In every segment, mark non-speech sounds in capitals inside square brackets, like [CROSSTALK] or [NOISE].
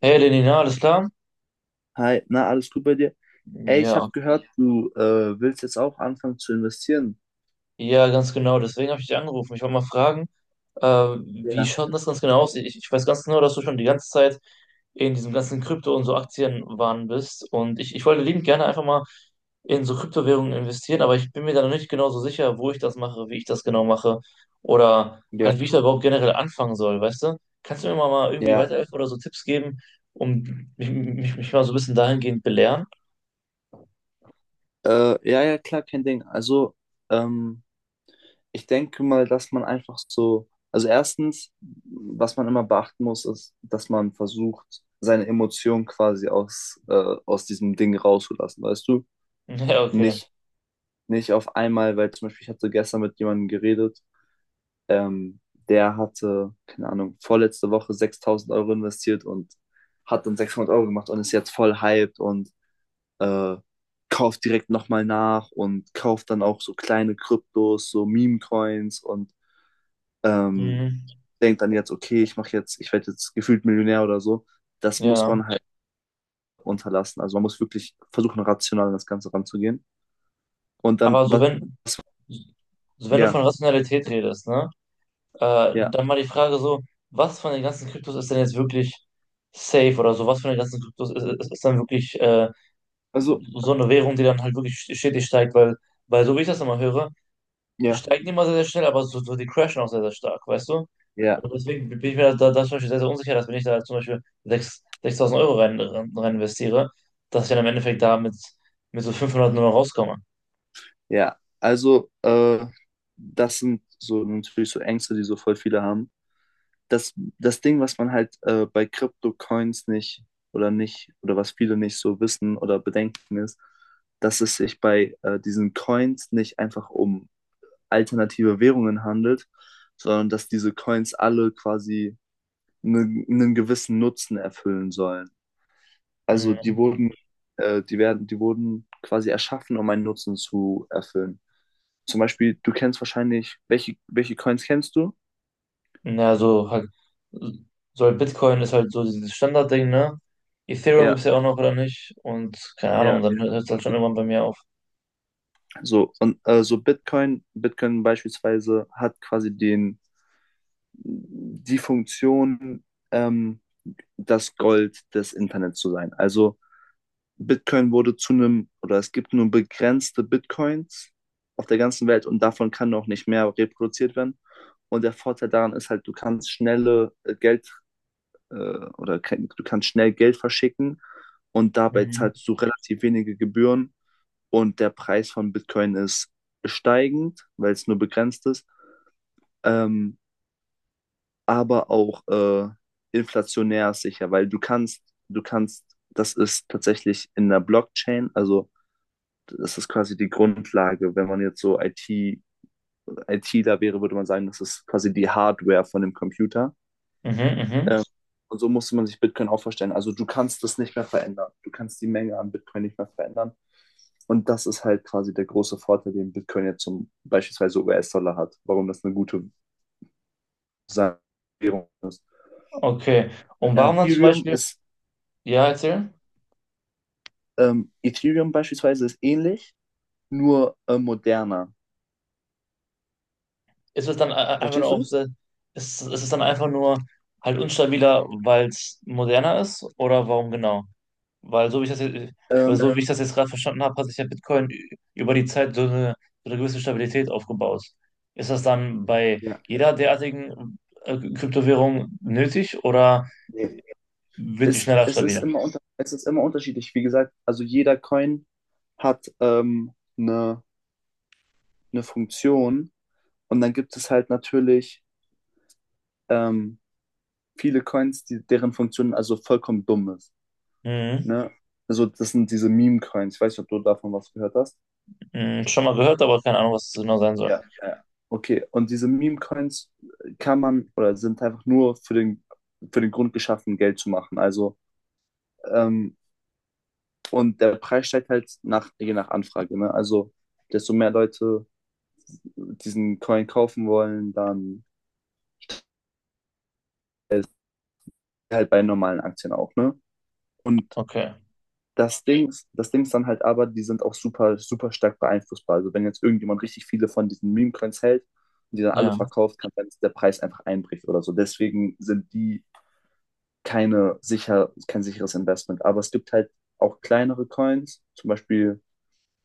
Hey Lenina, alles klar? Hi, na, alles gut bei dir? Ey, ich habe Ja, gehört, du willst jetzt auch anfangen zu investieren. ja, ganz genau. Deswegen habe ich dich angerufen. Ich wollte mal fragen, wie Ja. schaut denn das ganz genau aus? Ich weiß ganz genau, dass du schon die ganze Zeit in diesem ganzen Krypto- und so Aktienwahn bist. Und ich wollte liebend gerne einfach mal in so Kryptowährungen investieren, aber ich bin mir da noch nicht genau so sicher, wo ich das mache, wie ich das genau mache oder halt, wie ich da überhaupt generell anfangen soll, weißt du? Kannst du mir mal irgendwie Ja, weiterhelfen oder so Tipps geben, um mich mal so ein bisschen dahingehend belehren? [LAUGHS] Ja, ja, klar, kein Ding. Also, ähm, ich denke mal, dass man einfach so, also erstens, was man immer beachten muss, ist, dass man versucht, seine Emotionen quasi aus diesem Ding rauszulassen, weißt du? Ja, okay. Nicht, nicht auf einmal, weil zum Beispiel, ich hatte gestern mit jemandem geredet. Ähm, Der hatte, keine Ahnung, vorletzte Woche 6.000 Euro investiert und hat dann 600 Euro gemacht und ist jetzt voll hyped und äh, kauft direkt nochmal nach und kauft dann auch so kleine Kryptos, so Meme-Coins und ähm, Mhm. denkt dann jetzt, okay, ich mache jetzt, ich werde jetzt gefühlt Millionär oder so. Das muss Ja. man halt unterlassen. Also man muss wirklich versuchen, rational an das Ganze ranzugehen. Und dann, Aber was, so wenn du ja, von Rationalität redest, ne, ja. dann mal die Frage so, was von den ganzen Kryptos ist denn jetzt wirklich safe oder so, was von den ganzen Kryptos ist dann wirklich Also, so eine Währung, die dann halt wirklich stetig steigt, weil so wie ich das immer höre, es ja, steigen die immer sehr, sehr schnell, aber so die crashen auch sehr, sehr stark, weißt du? ja. Und deswegen bin ich mir zum Beispiel sehr, sehr unsicher, dass wenn ich da zum Beispiel 6.000 Euro rein investiere, dass ich dann im Endeffekt da mit so 500 nur noch rauskomme. Ja, also das sind so natürlich so Ängste, die so voll viele haben. Das, das Ding, was man halt bei Crypto-Coins nicht oder nicht oder was viele nicht so wissen oder bedenken ist, dass es sich bei diesen Coins nicht einfach um alternative Währungen handelt, sondern dass diese Coins alle quasi einen gewissen Nutzen erfüllen sollen. Also die Hm. wurden, äh, die werden, die wurden quasi erschaffen, um einen Nutzen zu erfüllen. Zum Beispiel, du kennst wahrscheinlich, welche Coins kennst du? Ja, so halt Bitcoin ist halt so dieses Standardding, ne? Ethereum gibt Ja, es ja auch noch, oder nicht? Und keine Ahnung, ja. dann hört es halt schon irgendwann bei mir auf. So, und so Bitcoin beispielsweise hat quasi die Funktion, ähm, das Gold des Internets zu sein. Also Bitcoin wurde zu einem, oder es gibt nur begrenzte Bitcoins auf der ganzen Welt und davon kann noch nicht mehr reproduziert werden. Und der Vorteil daran ist halt, du kannst schnelle Geld äh, oder ke- du kannst schnell Geld verschicken und dabei Mhm. zahlst du relativ wenige Gebühren und der Preis von Bitcoin ist steigend, weil es nur begrenzt ist, ähm, aber auch inflationär sicher, weil du kannst, das ist tatsächlich in der Blockchain, also das ist quasi die Grundlage. Wenn man jetzt so ITler wäre, würde man sagen, das ist quasi die Hardware von dem Computer. Mhm, mhm. Ähm, und so musste man sich Bitcoin auch vorstellen. Also du kannst das nicht mehr verändern. Du kannst die Menge an Bitcoin nicht mehr verändern. Und das ist halt quasi der große Vorteil, den Bitcoin jetzt zum beispielsweise US-Dollar hat, warum das eine gute Währung ist. Okay. Und warum Ähm, dann zum Ethereum Beispiel, ist ja, erzähl, Ethereum beispielsweise ist ähnlich, nur moderner. ist es dann e- einfach nur Verstehst auch, du? sehr- ist es dann einfach nur halt unstabiler, weil es moderner ist? Oder warum genau? Weil so wie ich das jetzt, weil Ähm, so wie ich das jetzt gerade verstanden habe, hat sich ja Bitcoin ü- über die Zeit so eine gewisse Stabilität aufgebaut. Ist das dann bei ja. jeder derartigen Kryptowährung nötig oder Nee. wird die Es, schneller es ist stabil? immer unterschiedlich. Wie gesagt, also jeder Coin hat eine, eine Funktion und dann gibt es halt natürlich ähm, viele Coins, die, deren Funktion also vollkommen dumm ist. Mhm. Ne? Also das sind diese Meme-Coins. Ich weiß nicht, ob du davon was gehört hast. Mhm. Schon mal gehört, aber keine Ahnung, was es genau sein soll. Ja, ja. Okay, und diese Meme-Coins kann man oder sind einfach nur für den Grund geschaffen, Geld zu machen. Also, ähm, und der Preis steigt halt nach, je nach Anfrage. Ne? Also, desto mehr Leute diesen Coin kaufen wollen, dann ist halt bei normalen Aktien auch, ne? Und Okay, das Ding ist dann halt aber, die sind auch super, super stark beeinflussbar. Also wenn jetzt irgendjemand richtig viele von diesen Meme-Coins hält und die dann alle ja. verkauft, kann sein, dass der Preis einfach einbricht oder so. Deswegen sind die kein sicheres Investment. Aber es gibt halt auch kleinere Coins, zum Beispiel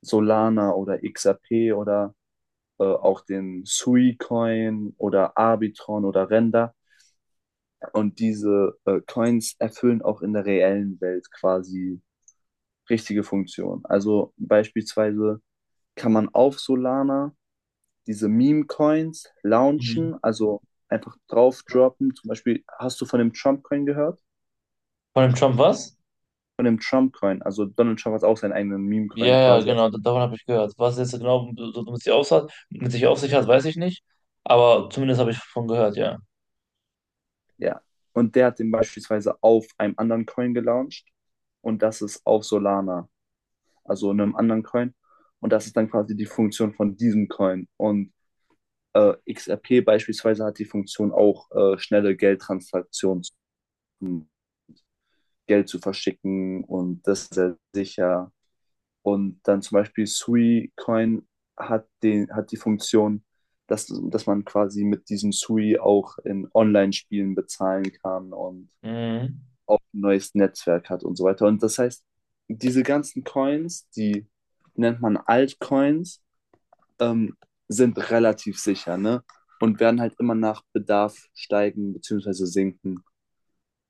Solana oder XRP oder auch den Sui-Coin oder Arbitron oder Render. Und diese Coins erfüllen auch in der reellen Welt quasi richtige Funktionen. Also beispielsweise kann man auf Solana diese Meme-Coins Mhm. launchen, also einfach drauf droppen. Zum Beispiel, hast du von dem Trump-Coin gehört? Von dem Trump was? Von dem Trump-Coin. Also Donald Trump hat auch seinen eigenen Ja, Meme-Coin ja, quasi. genau, da- davon habe ich gehört. Was jetzt genau so so mit sich auf hat, mit sich auf sich hat, weiß ich nicht. Aber zumindest habe ich davon gehört, ja. Ja. Und der hat den beispielsweise auf einem anderen Coin gelauncht. Und das ist auf Solana, also einem anderen Coin. Und das ist dann quasi die Funktion von diesem Coin. Und XRP beispielsweise hat die Funktion auch, schnelle Geldtransaktionen, um Geld zu verschicken und das ist sehr sicher. Und dann zum Beispiel Sui Coin hat, den, hat die Funktion, dass man quasi mit diesem Sui auch in Online-Spielen bezahlen kann und Mhm. auch ein neues Netzwerk hat und so weiter. Und das heißt, diese ganzen Coins, die nennt man Altcoins, ähm, sind relativ sicher, ne? Und werden halt immer nach Bedarf steigen bzw. sinken.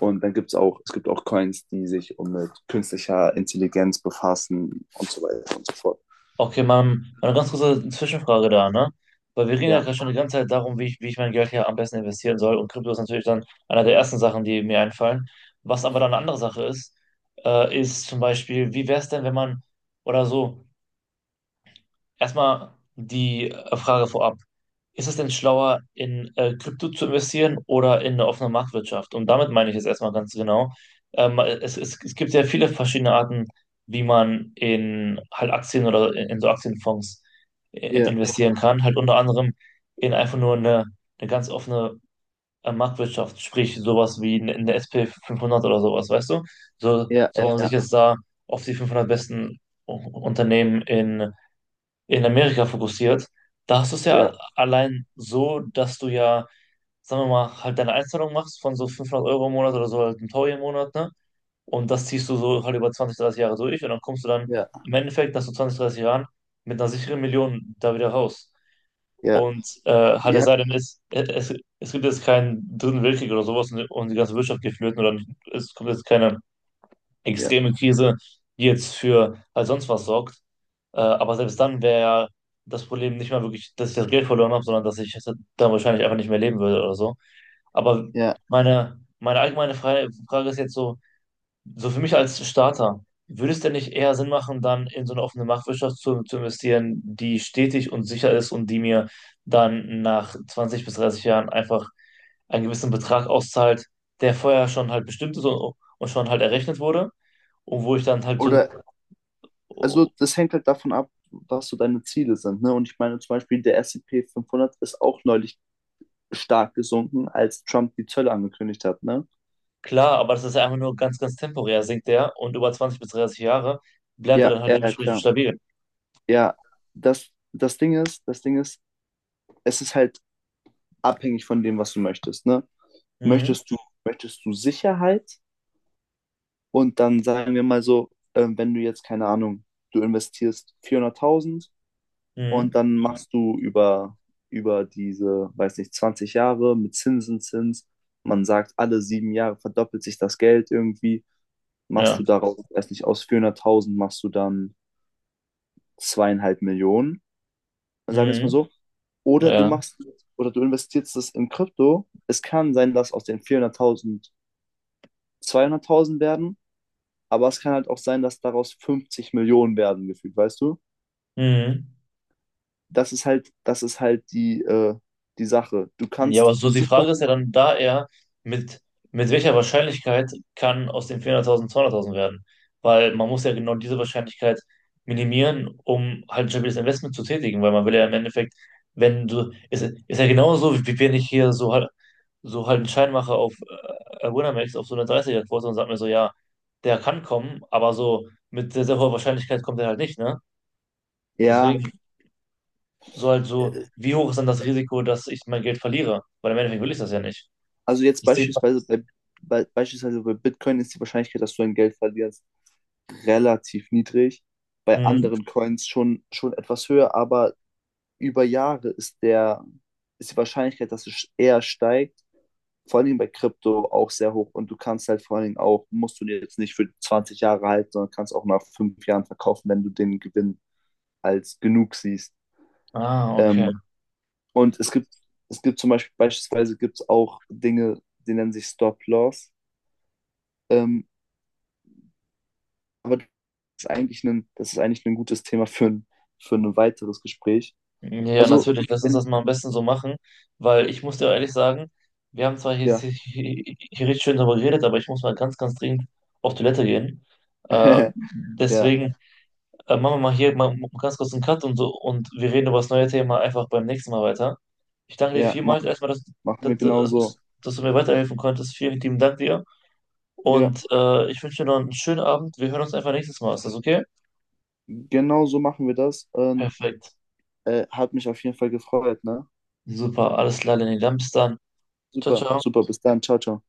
Und dann gibt es auch, es gibt auch Coins, die sich um mit künstlicher Intelligenz befassen und so weiter und so fort. Okay, man, eine ganz kurze Zwischenfrage da, ne? Weil wir reden ja Ja. gerade schon die ganze Zeit darum, wie ich mein Geld hier am besten investieren soll. Und Krypto ist natürlich dann einer der ersten Sachen, die mir einfallen. Was aber dann eine andere Sache ist, ist zum Beispiel, wie wäre es denn, wenn man, oder so, erstmal die Frage vorab. Ist es denn schlauer, in Krypto zu investieren oder in eine offene Marktwirtschaft? Und damit meine ich es erstmal ganz genau. Es gibt sehr viele verschiedene Arten, wie man in halt Aktien oder in so Aktienfonds Ja, investieren kann. Halt unter anderem in eine ganz offene Marktwirtschaft, sprich sowas wie in der S und p 500 oder sowas, weißt du? So, ja, so wo ja, man ja, sich ja, jetzt da auf die 500 besten U- Unternehmen in Amerika fokussiert, da hast du es ja ja, allein so, dass du ja, sagen wir mal, halt deine Einzahlung machst von so 500 Euro im Monat oder so halt ein Taui im Monat, ne? Und das ziehst du so halt über 20, 30 Jahre durch und dann kommst du dann ja, im Endeffekt nach so 20, 30 Jahren mit einer sicheren Million da wieder raus. ja, Und halt, ja, es ja, sei denn, es gibt jetzt keinen dritten Weltkrieg oder sowas und die ganze Wirtschaft geht flöten oder nicht, es kommt jetzt keine ja, extreme Krise, die jetzt für halt sonst was sorgt, aber selbst dann wäre das Problem nicht mal wirklich, dass ich das Geld verloren habe, sondern dass ich dann wahrscheinlich einfach nicht mehr leben würde oder so. Aber ja. Meine allgemeine Frage ist jetzt so, so für mich als Starter, würde es denn nicht eher Sinn machen, dann in so eine offene Marktwirtschaft zu investieren, die stetig und sicher ist und die mir dann nach 20 bis 30 Jahren einfach einen gewissen Betrag auszahlt, der vorher schon halt bestimmt ist und schon halt errechnet wurde und wo ich dann halt so. Oder, also das hängt halt davon ab, was so deine Ziele sind. Ne? Und ich meine zum Beispiel, der S&P 500 ist auch neulich stark gesunken, als Trump die Zölle angekündigt hat. Ne? Klar, aber das ist ja einfach nur ganz, ganz temporär, sinkt der, und über 20 bis 30 Jahre bleibt er Ja, dann halt, ja, ja, ja, dementsprechend klar. stabil. Ja, das Ding ist, es ist halt abhängig von dem, was du möchtest, ne? Mhm. Möchtest du, möchtest du Sicherheit? Und dann sagen wir mal so, wenn du jetzt, keine Ahnung, du investierst 400.000 und Mhm. dann machst du über diese, weiß nicht, 20 Jahre mit Zinseszins, man sagt, alle 7 Jahre verdoppelt sich das Geld irgendwie, machst Ja. du daraus, weiß nicht, aus 400.000 machst du dann 2,5 Millionen sagen wir es mal Mhm. so, oder du Ja. machst oder du investierst es in Krypto. Es kann sein, dass aus den 400.000 200.000 werden, aber es kann halt auch sein, dass daraus 50 Millionen werden gefühlt, weißt du? Mhm. Das ist halt die Sache. Du Ja, kannst aber so die super, Frage ist ja dann da eher, mit, mit welcher Wahrscheinlichkeit kann aus den 400.000 200.000 werden? Weil man muss ja genau diese Wahrscheinlichkeit minimieren, um halt ein stabiles Investment zu tätigen, weil man will ja im Endeffekt, wenn du, ist ja genauso, wie wenn ich hier so halt einen Schein mache auf Winamax, auf so eine 30 quote und sag mir so, ja, der kann kommen, aber so mit sehr, sehr hoher Wahrscheinlichkeit kommt er halt nicht, ne? ja, Deswegen so, äh, wie hoch ist dann das Risiko, dass ich mein Geld verliere? Weil im Endeffekt will ich das ja nicht. also jetzt Ich sehe. beispielsweise bei Bitcoin ist die Wahrscheinlichkeit, dass du dein Geld verlierst, relativ niedrig. Bei Mhm. anderen Coins schon etwas höher, aber über Jahre ist die Wahrscheinlichkeit, dass es eher steigt, vor allen Dingen bei Krypto auch sehr hoch. Und du kannst halt vor allen Dingen auch, musst du dir jetzt nicht für 20 Jahre halten, sondern kannst auch nach 5 Jahren verkaufen, wenn du den Gewinn als genug siehst. Ah, okay. Ähm, und es gibt, beispielsweise gibt es auch Dinge, die nennen sich Stop-Loss. Ähm, aber das ist eigentlich das ist eigentlich ein gutes Thema für für ein weiteres Gespräch. Ja, Also, natürlich. Lass uns das wenn, mal am besten so machen, weil ich muss dir ehrlich sagen, wir haben zwar Ja, hier richtig schön darüber geredet, aber ich muss mal ganz, ganz dringend auf Toilette gehen. [LAUGHS] Ja, Deswegen machen wir mal hier mal ganz kurz einen Cut und so, und wir reden über das neue Thema einfach beim nächsten Mal weiter. Ich danke dir ja, vielmals erstmal, machen wir genauso. Dass du mir weiterhelfen konntest. Vielen lieben Dank dir Ja. und ich wünsche dir noch einen schönen Abend. Wir hören uns einfach nächstes Mal. Ist das okay? Genau so machen wir das und Perfekt. Hat mich auf jeden Fall gefreut, ne? Super, alles klar, Lenny. Dann bis dann. Ciao, Super, ciao. super, bis dann, ciao, ciao.